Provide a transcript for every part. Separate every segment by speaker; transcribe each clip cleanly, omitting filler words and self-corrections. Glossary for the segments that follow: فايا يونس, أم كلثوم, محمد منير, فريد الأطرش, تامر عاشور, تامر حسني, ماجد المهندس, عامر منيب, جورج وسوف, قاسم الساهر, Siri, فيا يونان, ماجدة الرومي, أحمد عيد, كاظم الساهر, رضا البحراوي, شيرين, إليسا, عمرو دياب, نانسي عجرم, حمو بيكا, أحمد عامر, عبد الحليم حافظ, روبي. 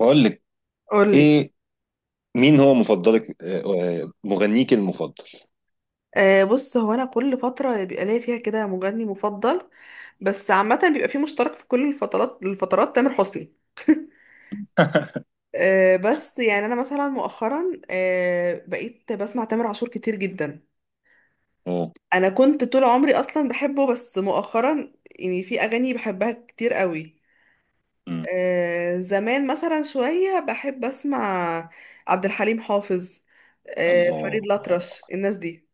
Speaker 1: بقول لك
Speaker 2: قولي.
Speaker 1: ايه؟ مين هو مفضلك آه، آه، مغنيك المفضل؟
Speaker 2: آه بص، هو انا كل فتره بيبقى ليا فيها كده مغني مفضل، بس عامه بيبقى فيه مشترك في كل الفترات تامر حسني. آه بس يعني انا مثلا مؤخرا آه بقيت بسمع تامر عاشور كتير جدا.
Speaker 1: اوه.
Speaker 2: انا كنت طول عمري اصلا بحبه بس مؤخرا يعني في اغاني بحبها كتير قوي.
Speaker 1: أمم.
Speaker 2: آه زمان مثلا شويه بحب اسمع عبد الحليم حافظ، آه
Speaker 1: الله
Speaker 2: فريد الأطرش، الناس دي.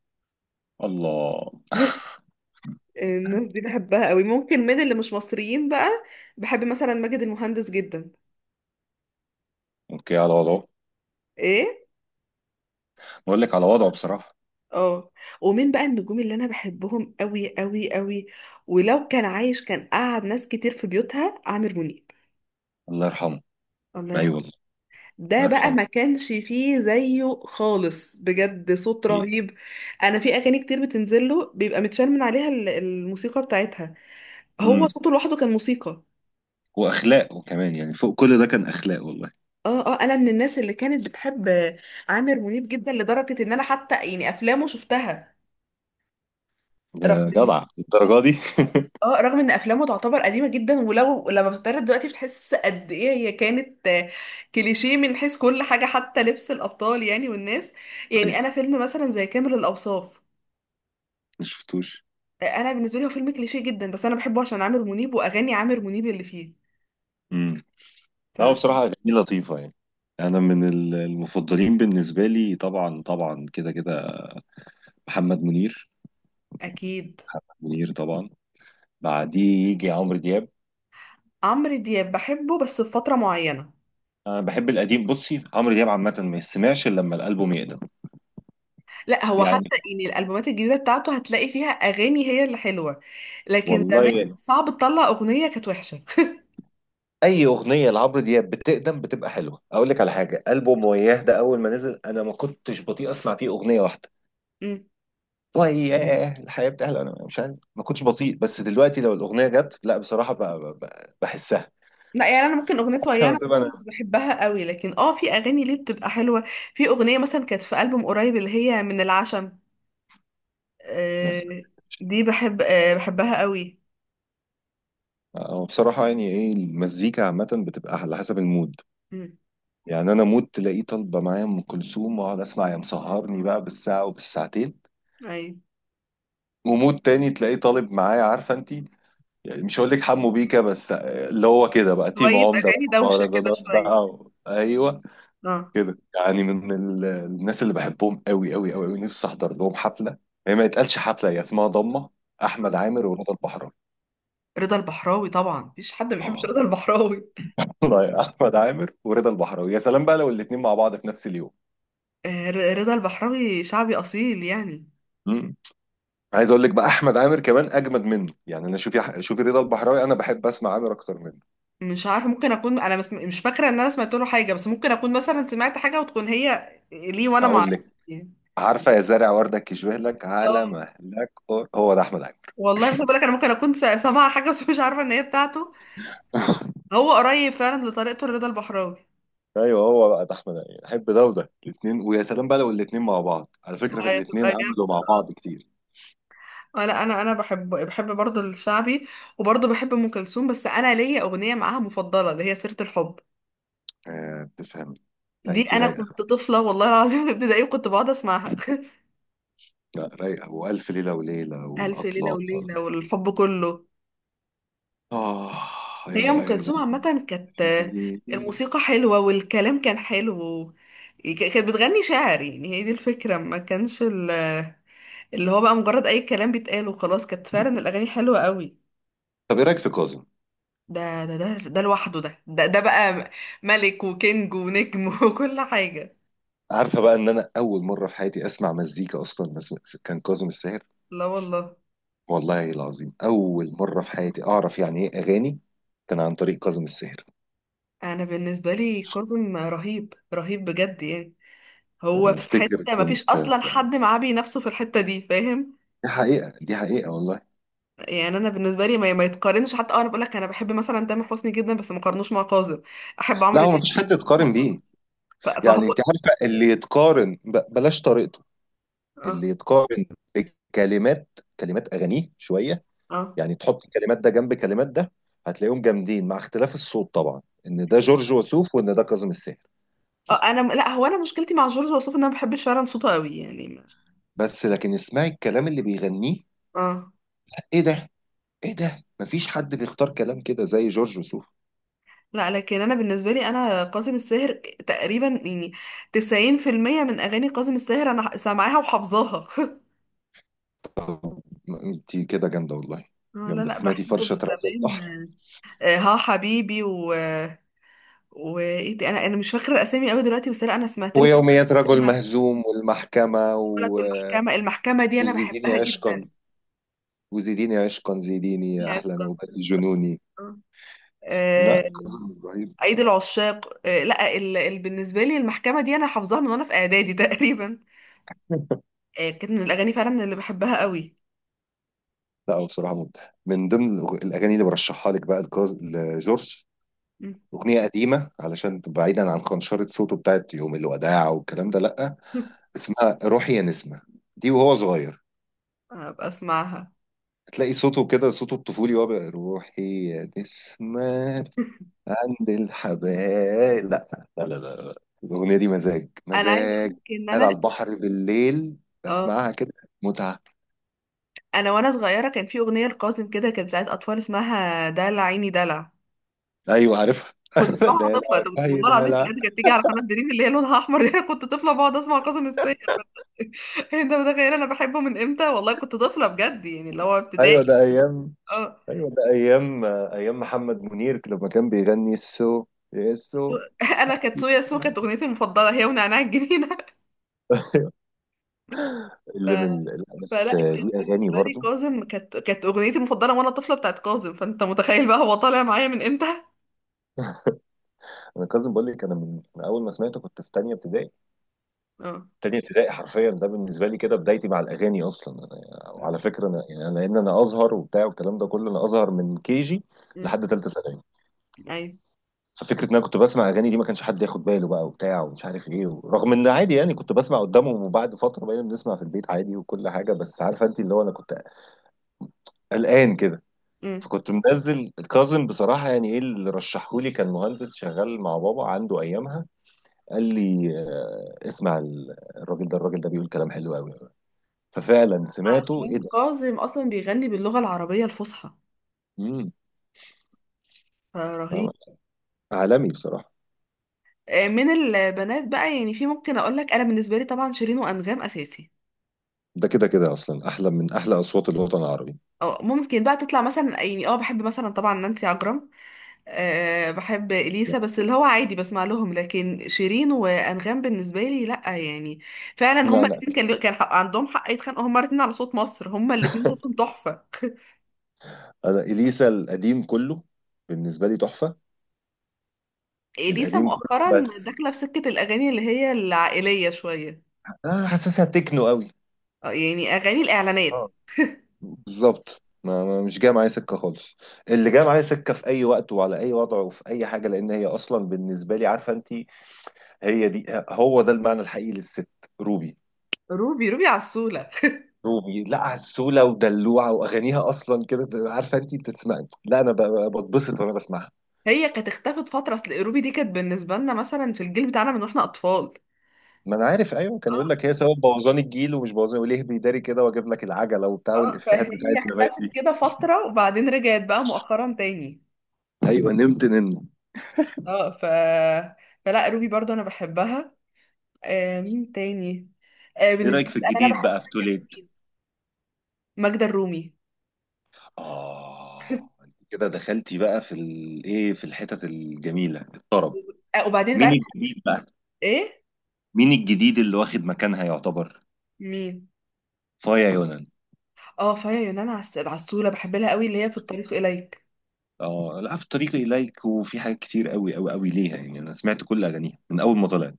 Speaker 1: الله.
Speaker 2: الناس دي بحبها قوي. ممكن من اللي مش مصريين بقى، بحب مثلا ماجد المهندس جدا.
Speaker 1: اوكي على وضعه.
Speaker 2: ايه،
Speaker 1: بقول لك على وضعه بصراحة.
Speaker 2: اه، ومين بقى النجوم اللي انا بحبهم قوي قوي قوي، ولو كان عايش كان قعد ناس كتير في بيوتها، عامر منيب.
Speaker 1: الله يرحمه.
Speaker 2: الله
Speaker 1: ايوه
Speaker 2: يرحمه.
Speaker 1: والله. الله
Speaker 2: ده بقى
Speaker 1: يرحمه.
Speaker 2: ما كانش فيه زيه خالص، بجد صوت
Speaker 1: إيه.
Speaker 2: رهيب. انا في اغاني كتير بتنزل له بيبقى متشال من عليها الموسيقى بتاعتها. هو
Speaker 1: امم.
Speaker 2: صوته لوحده كان موسيقى.
Speaker 1: واخلاقه كمان، يعني فوق كل ده كان اخلاق والله.
Speaker 2: اه اه، انا من الناس اللي كانت بتحب عامر منيب جدا، لدرجه ان انا حتى يعني افلامه شفتها.
Speaker 1: يا
Speaker 2: رغم إن-
Speaker 1: جدع، الدرجة دي؟
Speaker 2: اه، رغم ان افلامه تعتبر قديمه جدا، ولو لما بتتعرض دلوقتي بتحس قد ايه هي كانت آه، كليشيه من حيث كل حاجه، حتى لبس الابطال يعني والناس. يعني
Speaker 1: صحيح.
Speaker 2: انا فيلم مثلا زي كامل الاوصاف،
Speaker 1: ما شفتوش.
Speaker 2: آه، انا بالنسبه لي هو فيلم كليشيه جدا، بس انا بحبه عشان عامر منيب واغاني عامر منيب اللي فيه.
Speaker 1: امم. لا، هو بصراحة اغانيه لطيفة يعني. انا من المفضلين بالنسبة لي طبعا طبعا، كده كده محمد منير.
Speaker 2: فاكيد.
Speaker 1: منير طبعا، بعديه يجي عمرو دياب.
Speaker 2: عمرو دياب بحبه بس في فتره معينه.
Speaker 1: انا بحب القديم. بصي، عمرو دياب عامه ما يسمعش الا لما الالبوم يقدم.
Speaker 2: لا هو
Speaker 1: يعني
Speaker 2: حتى يعني الالبومات الجديده بتاعته هتلاقي فيها اغاني هي اللي حلوه، لكن زمان
Speaker 1: والله
Speaker 2: صعب تطلع اغنيه كانت وحشه.
Speaker 1: اي اغنيه لعمرو دياب بتقدم بتبقى حلوه. اقول لك على حاجه، البوم وياه ده اول ما نزل انا ما كنتش بطيء اسمع فيه اغنيه واحده.
Speaker 2: امم.
Speaker 1: وياه، الحياه بتحلى، انا مش عارف، ما كنتش بطيء. بس دلوقتي لو الاغنيه جت لا بصراحه بحسها.
Speaker 2: لا يعني انا ممكن اغنيه ويانا بصراحه
Speaker 1: طبعا
Speaker 2: مش بحبها قوي، لكن اه في اغاني ليه بتبقى حلوه. في اغنيه مثلا كانت في البوم قريب اللي هي من العشم.
Speaker 1: مثلا.
Speaker 2: آه. دي بحب، آه بحبها قوي.
Speaker 1: أو بصراحه يعني ايه، المزيكا عامه بتبقى على حسب المود.
Speaker 2: امم.
Speaker 1: يعني انا مود تلاقيه طالبه معايا ام كلثوم، واقعد اسمع يا مسهرني بقى بالساعه وبالساعتين.
Speaker 2: ايوه.
Speaker 1: ومود تاني تلاقيه طالب معايا، عارفه انت، يعني مش هقول لك حمو بيكا، بس اللي هو كده بقى تيم
Speaker 2: شويه
Speaker 1: عمده
Speaker 2: اغاني
Speaker 1: بقى،
Speaker 2: دوشه كده
Speaker 1: مهرجانات
Speaker 2: شويه.
Speaker 1: بقى ايوه،
Speaker 2: اه.
Speaker 1: كده يعني. من الناس اللي بحبهم قوي قوي قوي قوي، نفسي احضر لهم حفله. هي ما يتقالش حفله، هي اسمها ضمه. احمد
Speaker 2: آه.
Speaker 1: عامر ورضا البحراوي.
Speaker 2: رضا البحراوي طبعا مفيش حد ما بيحبش
Speaker 1: اه.
Speaker 2: رضا البحراوي.
Speaker 1: والله يا احمد عامر ورضا البحراوي، يا سلام بقى لو الاثنين مع بعض في نفس اليوم.
Speaker 2: رضا البحراوي شعبي اصيل يعني.
Speaker 1: مم. عايز اقول لك بقى، احمد عامر كمان اجمد منه يعني. انا شوفي شوفي رضا البحراوي، انا بحب اسمع عامر اكتر منه.
Speaker 2: مش عارفه، ممكن اكون انا بس مش فاكره ان انا سمعت له حاجه، بس ممكن اكون مثلا سمعت حاجه وتكون هي ليه وانا ما
Speaker 1: اقول
Speaker 2: اعرفش
Speaker 1: لك،
Speaker 2: يعني.
Speaker 1: عارفة يا زارع وردك يشبه لك على
Speaker 2: اه
Speaker 1: مهلك هو ده أحمد عيد.
Speaker 2: والله خد بالك، انا ممكن اكون سامعه حاجه بس مش عارفه ان هي بتاعته. هو قريب فعلا لطريقته لرضا البحراوي.
Speaker 1: ايوه، هو بقى ده احمد عيد، احب ده وده الاثنين، ويا سلام بقى لو الاثنين مع بعض. على فكرة، الاثنين
Speaker 2: هتبقى
Speaker 1: عملوا
Speaker 2: جامده.
Speaker 1: مع بعض كتير.
Speaker 2: انا بحب برضه الشعبي، وبرضه بحب ام كلثوم. بس انا ليا اغنيه معاها مفضله اللي هي سيره الحب.
Speaker 1: آه، بتفهم. لا،
Speaker 2: دي
Speaker 1: انتي
Speaker 2: انا كنت
Speaker 1: رايقة.
Speaker 2: طفله والله العظيم في ابتدائي وكنت بقعد اسمعها.
Speaker 1: لا رايقة، وألف ليلة وليلة
Speaker 2: الف ليله
Speaker 1: والأطلال.
Speaker 2: وليله والحب كله.
Speaker 1: آه. أي
Speaker 2: هي ام
Speaker 1: والله.
Speaker 2: كلثوم
Speaker 1: لا،
Speaker 2: عامه كانت
Speaker 1: في-
Speaker 2: الموسيقى حلوه والكلام كان حلو. كانت بتغني شعر، يعني هي دي الفكره، ما كانش اللي هو بقى مجرد اي كلام بيتقال وخلاص، كانت فعلا الاغاني حلوه قوي.
Speaker 1: طب إيه رأيك في كاظم؟
Speaker 2: ده ده ده ده لوحده، ده ده ده بقى ملك وكينج ونجم وكل حاجه.
Speaker 1: عارفة بقى إن أنا أول مرة في حياتي أسمع مزيكا أصلا بس كان كاظم الساهر.
Speaker 2: لا والله.
Speaker 1: والله العظيم أول مرة في حياتي أعرف يعني إيه أغاني، كان عن طريق كاظم الساهر.
Speaker 2: انا بالنسبه لي كاظم رهيب رهيب بجد يعني. هو
Speaker 1: أنا
Speaker 2: في
Speaker 1: أفتكر
Speaker 2: حته ما فيش
Speaker 1: كنت،
Speaker 2: اصلا حد معاه بينافسه في الحته دي، فاهم.
Speaker 1: دي حقيقة، دي حقيقة والله.
Speaker 2: يعني انا بالنسبه لي ما يتقارنش حتى. اه انا بقول لك انا بحب مثلا تامر حسني جدا بس ما قارنوش مع كاظم، احب
Speaker 1: لا
Speaker 2: عمرو
Speaker 1: هو
Speaker 2: دياب
Speaker 1: مفيش
Speaker 2: بس ما
Speaker 1: حد
Speaker 2: قارنوش
Speaker 1: يتقارن
Speaker 2: مع كاظم.
Speaker 1: بيه.
Speaker 2: فهو
Speaker 1: يعني أنت عارفة، اللي يتقارن بلاش طريقته،
Speaker 2: اه
Speaker 1: اللي يتقارن بكلمات، كلمات أغانيه شوية.
Speaker 2: اه
Speaker 1: يعني تحط كلمات ده جنب كلمات ده، هتلاقيهم جامدين مع اختلاف الصوت طبعا، إن ده جورج وسوف وإن ده كاظم الساهر.
Speaker 2: اه انا لا، هو انا مشكلتي مع جورج وسوف ان انا ما بحبش فعلا صوته قوي يعني
Speaker 1: بس لكن اسمعي الكلام اللي بيغنيه،
Speaker 2: اه.
Speaker 1: إيه ده، إيه ده! مفيش حد بيختار كلام كده زي جورج وسوف.
Speaker 2: لا لكن انا بالنسبه لي انا كاظم الساهر تقريبا يعني 90% من اغاني كاظم الساهر انا سامعاها وحافظاها.
Speaker 1: طب، انت كده جامده والله.
Speaker 2: اه لا
Speaker 1: جامده،
Speaker 2: لا،
Speaker 1: سمعتي
Speaker 2: بحبه
Speaker 1: فرشه
Speaker 2: من
Speaker 1: رجل البحر،
Speaker 2: زمان. آه، آه، ها حبيبي، و وايه تاني؟ انا انا مش فاكره الاسامي قوي دلوقتي، بس لا انا سمعت له.
Speaker 1: ويوميات رجل مهزوم، والمحكمه
Speaker 2: لك المحكمة دي أنا
Speaker 1: وزيديني
Speaker 2: بحبها جدا.
Speaker 1: عشقا. وزيديني عشقا، زيديني يا
Speaker 2: هي
Speaker 1: احلى
Speaker 2: كانت-
Speaker 1: نوبه جنوني. لا،
Speaker 2: آه،
Speaker 1: كاظم ابراهيم،
Speaker 2: عيد العشاق، آه، لا بالنسبة لي المحكمة دي أنا حافظاها من وأنا في إعدادي تقريبا. آه، كانت من الأغاني فعلا اللي بحبها قوي.
Speaker 1: لا. هو بصراحه مبدع. من ضمن الاغاني اللي برشحها لك بقى لجورج،
Speaker 2: مم.
Speaker 1: اغنيه قديمه علشان تبقى بعيدا عن خنشره صوته بتاعت يوم الوداع والكلام ده، لا. اسمها روحي يا نسمه، دي وهو صغير.
Speaker 2: هبقى أسمعها.
Speaker 1: هتلاقي صوته كده، صوته الطفولي، وهو بقى روحي يا نسمة عند الحبايب. لا لا لا لا لا. الأغنية دي مزاج
Speaker 2: أنا عايزة
Speaker 1: مزاج.
Speaker 2: أقولك إن
Speaker 1: قاعد
Speaker 2: أنا
Speaker 1: على البحر بالليل
Speaker 2: اه
Speaker 1: بسمعها كده، متعة.
Speaker 2: أنا وأنا صغيرة كان في أغنية لقاسم كده كانت بتاعت أطفال، اسمها دلع عيني دلع.
Speaker 1: أيوة عارفها.
Speaker 2: كنت بسمعها وأنا
Speaker 1: ده لا.
Speaker 2: طفلة، ده
Speaker 1: أيوة
Speaker 2: والله
Speaker 1: ده،
Speaker 2: العظيم بجد،
Speaker 1: لا.
Speaker 2: كانت بتيجي على قناة دريم اللي هي لونها أحمر دي. أنا كنت طفلة بقعد أسمع قاسم الساهر. انت متخيل انا بحبه من امتى، والله كنت طفله بجد يعني اللي هو
Speaker 1: أيوة
Speaker 2: ابتدائي.
Speaker 1: ده أيام.
Speaker 2: اه.
Speaker 1: أيوة ده أيام، أيام محمد منير لما كان بيغني السو، السو.
Speaker 2: انا كانت سويا سو كانت اغنيتي المفضله، هي ونعناع الجنينه.
Speaker 1: أيوة.
Speaker 2: ف...
Speaker 1: اللي من لا، بس
Speaker 2: فلا كان
Speaker 1: ليه أغاني
Speaker 2: بالنسبه لي
Speaker 1: برضه.
Speaker 2: كاظم، كانت اغنيتي المفضله وانا طفله بتاعت كاظم، فانت متخيل بقى هو طالع معايا من امتى.
Speaker 1: أنا كاظم بقول لك، أنا من أول ما سمعته كنت في تانية ابتدائي،
Speaker 2: اه.
Speaker 1: تاني ابتدائي حرفيا. ده بالنسبه لي كده بدايتي مع الاغاني اصلا. انا، وعلى فكره، انا يعني انا ان انا ازهر وبتاع والكلام ده كله. انا ازهر من كي جي
Speaker 2: امم.
Speaker 1: لحد ثالثه ثانوي.
Speaker 2: ايوه.
Speaker 1: ففكره ان انا كنت بسمع اغاني دي ما كانش حد ياخد باله بقى وبتاع ومش عارف ايه. رغم ان عادي يعني كنت بسمع قدامهم، وبعد فتره بقينا بنسمع في البيت عادي وكل حاجه. بس عارفه انت، اللي هو انا كنت قلقان كده،
Speaker 2: امم.
Speaker 1: فكنت منزل كاظم بصراحه. يعني ايه اللي رشحهولي؟ كان مهندس شغال مع بابا عنده ايامها، قال لي اسمع الراجل ده بيقول كلام حلو قوي. ففعلا سمعته، ايه
Speaker 2: عشان
Speaker 1: ده!
Speaker 2: كاظم اصلا بيغني باللغه العربيه الفصحى،
Speaker 1: امم. فاهم؟
Speaker 2: فرهيب.
Speaker 1: عالمي بصراحه.
Speaker 2: آه، من البنات بقى يعني، في ممكن اقول لك انا بالنسبه لي طبعا شيرين وانغام اساسي.
Speaker 1: ده كده كده اصلا، احلى من احلى اصوات الوطن العربي.
Speaker 2: اه ممكن بقى تطلع مثلا يعني اه بحب مثلا طبعا نانسي عجرم، أه بحب
Speaker 1: لا
Speaker 2: اليسا، بس اللي هو عادي بسمع لهم. لكن شيرين وانغام بالنسبه لي لا يعني، فعلا
Speaker 1: لا
Speaker 2: هما
Speaker 1: لا.
Speaker 2: الاثنين كان كان حق عندهم، حق يتخانقوا هما الاثنين على صوت مصر، هما الاثنين صوتهم تحفه.
Speaker 1: انا اليسا القديم كله بالنسبه لي تحفه.
Speaker 2: اليسا
Speaker 1: القديم كله
Speaker 2: مؤخرا
Speaker 1: بس،
Speaker 2: داخله في سكه الاغاني اللي هي العائليه شويه،
Speaker 1: آه، حاسسها تكنو قوي.
Speaker 2: اه يعني اغاني الاعلانات.
Speaker 1: اه، بالظبط. مش جايه معايا سكه خالص. اللي جايه معايا سكه في اي وقت وعلى اي وضع وفي اي حاجه، لان هي اصلا بالنسبه لي، عارفه انت، هي دي هو ده المعنى الحقيقي للست، روبي.
Speaker 2: روبي. روبي عسوله.
Speaker 1: روبي لا، عسولة ودلوعة، وأغانيها أصلا كده بتبقى، عارفة أنت بتسمعي، لا أنا بتبسط وأنا بسمعها.
Speaker 2: هي كانت اختفت فتره، اصل روبي دي كانت بالنسبه لنا مثلا في الجيل بتاعنا من واحنا اطفال.
Speaker 1: ما أنا عارف. أيوه، كان يقول
Speaker 2: آه.
Speaker 1: لك هي سبب بوظان الجيل، ومش بوظان وليه بيداري كده وأجيب لك العجلة وبتاع،
Speaker 2: اه،
Speaker 1: والإفيهات بتاعت
Speaker 2: فهي
Speaker 1: زمان
Speaker 2: اختفت
Speaker 1: دي.
Speaker 2: كده فترة وبعدين رجعت بقى مؤخرا تاني.
Speaker 1: أيوه، نمت نمت.
Speaker 2: اه، ف فلا روبي برضو انا بحبها. آه مين تاني، آه
Speaker 1: إيه رأيك
Speaker 2: بالنسبة لي
Speaker 1: في
Speaker 2: بقى انا
Speaker 1: الجديد بقى في
Speaker 2: بحبها كمان،
Speaker 1: توليت؟
Speaker 2: مين؟ ماجدة الرومي.
Speaker 1: آه، أنت كده دخلتي بقى في الإيه، في الحتت الجميلة، الطرب.
Speaker 2: آه وبعدين بقى
Speaker 1: مين
Speaker 2: أنا بحب-
Speaker 1: الجديد بقى؟
Speaker 2: ايه
Speaker 1: مين الجديد اللي واخد مكانها يعتبر؟
Speaker 2: مين؟
Speaker 1: فايا يونس.
Speaker 2: اه فيا يونان عسولة، بحب لها قوي، اللي هي في الطريق اليك.
Speaker 1: اه لا، في طريقي اليك، وفي حاجات كتير قوي قوي قوي ليها يعني. انا سمعت كل اغانيها من اول ما طلعت،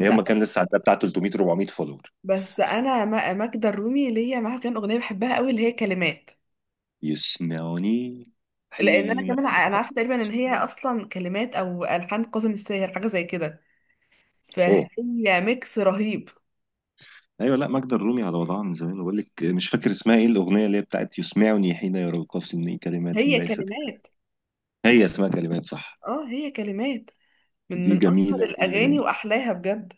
Speaker 1: هي
Speaker 2: لا
Speaker 1: اما كان لسه عندها بتاع 300 400 فولور.
Speaker 2: بس انا ماجدة الرومي ليا معاها كان اغنية بحبها قوي اللي هي كلمات.
Speaker 1: يسمعوني،
Speaker 2: لان انا
Speaker 1: حين
Speaker 2: كمان انا
Speaker 1: يقع-
Speaker 2: عارفة تقريبا ان هي اصلا كلمات او الحان كاظم الساهر حاجة زي كده،
Speaker 1: اوه.
Speaker 2: فهي ميكس رهيب.
Speaker 1: ايوه، لا، ماجدة الرومي على وضعها من زمان. بقول لك مش فاكر اسمها ايه الاغنيه، اللي هي بتاعت يسمعني حين يرقصني، كلمات
Speaker 2: هي
Speaker 1: ليست.
Speaker 2: كلمات،
Speaker 1: هي اسمها كلمات، صح؟
Speaker 2: اه هي كلمات، من
Speaker 1: دي
Speaker 2: من اشهر
Speaker 1: جميله جميله
Speaker 2: الاغاني
Speaker 1: جميله.
Speaker 2: واحلاها بجد.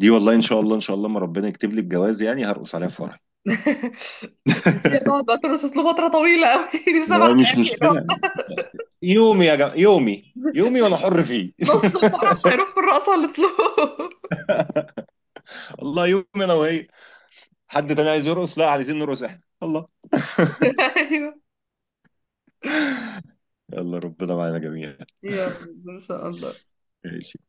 Speaker 1: دي والله ان شاء الله، ان شاء الله ما ربنا يكتب لي الجواز، يعني هرقص عليها في فرح.
Speaker 2: دي هتقعد بقى ترقص اسلوب فتره طويله قوي. دي سبع
Speaker 1: هو مش
Speaker 2: دقايق اللي هو،
Speaker 1: مشكلة. يومي يا جماعة، يومي يومي وانا حر فيه.
Speaker 2: نص الفرح هيروح في الرقصه على الاسلوب.
Speaker 1: الله يومي انا وهي. حد تاني عايز يرقص؟ لا، عايزين نرقص احنا، الله.
Speaker 2: ايوه.
Speaker 1: يلا، ربنا معانا جميعا.
Speaker 2: يا رب ان شاء الله.
Speaker 1: ماشي.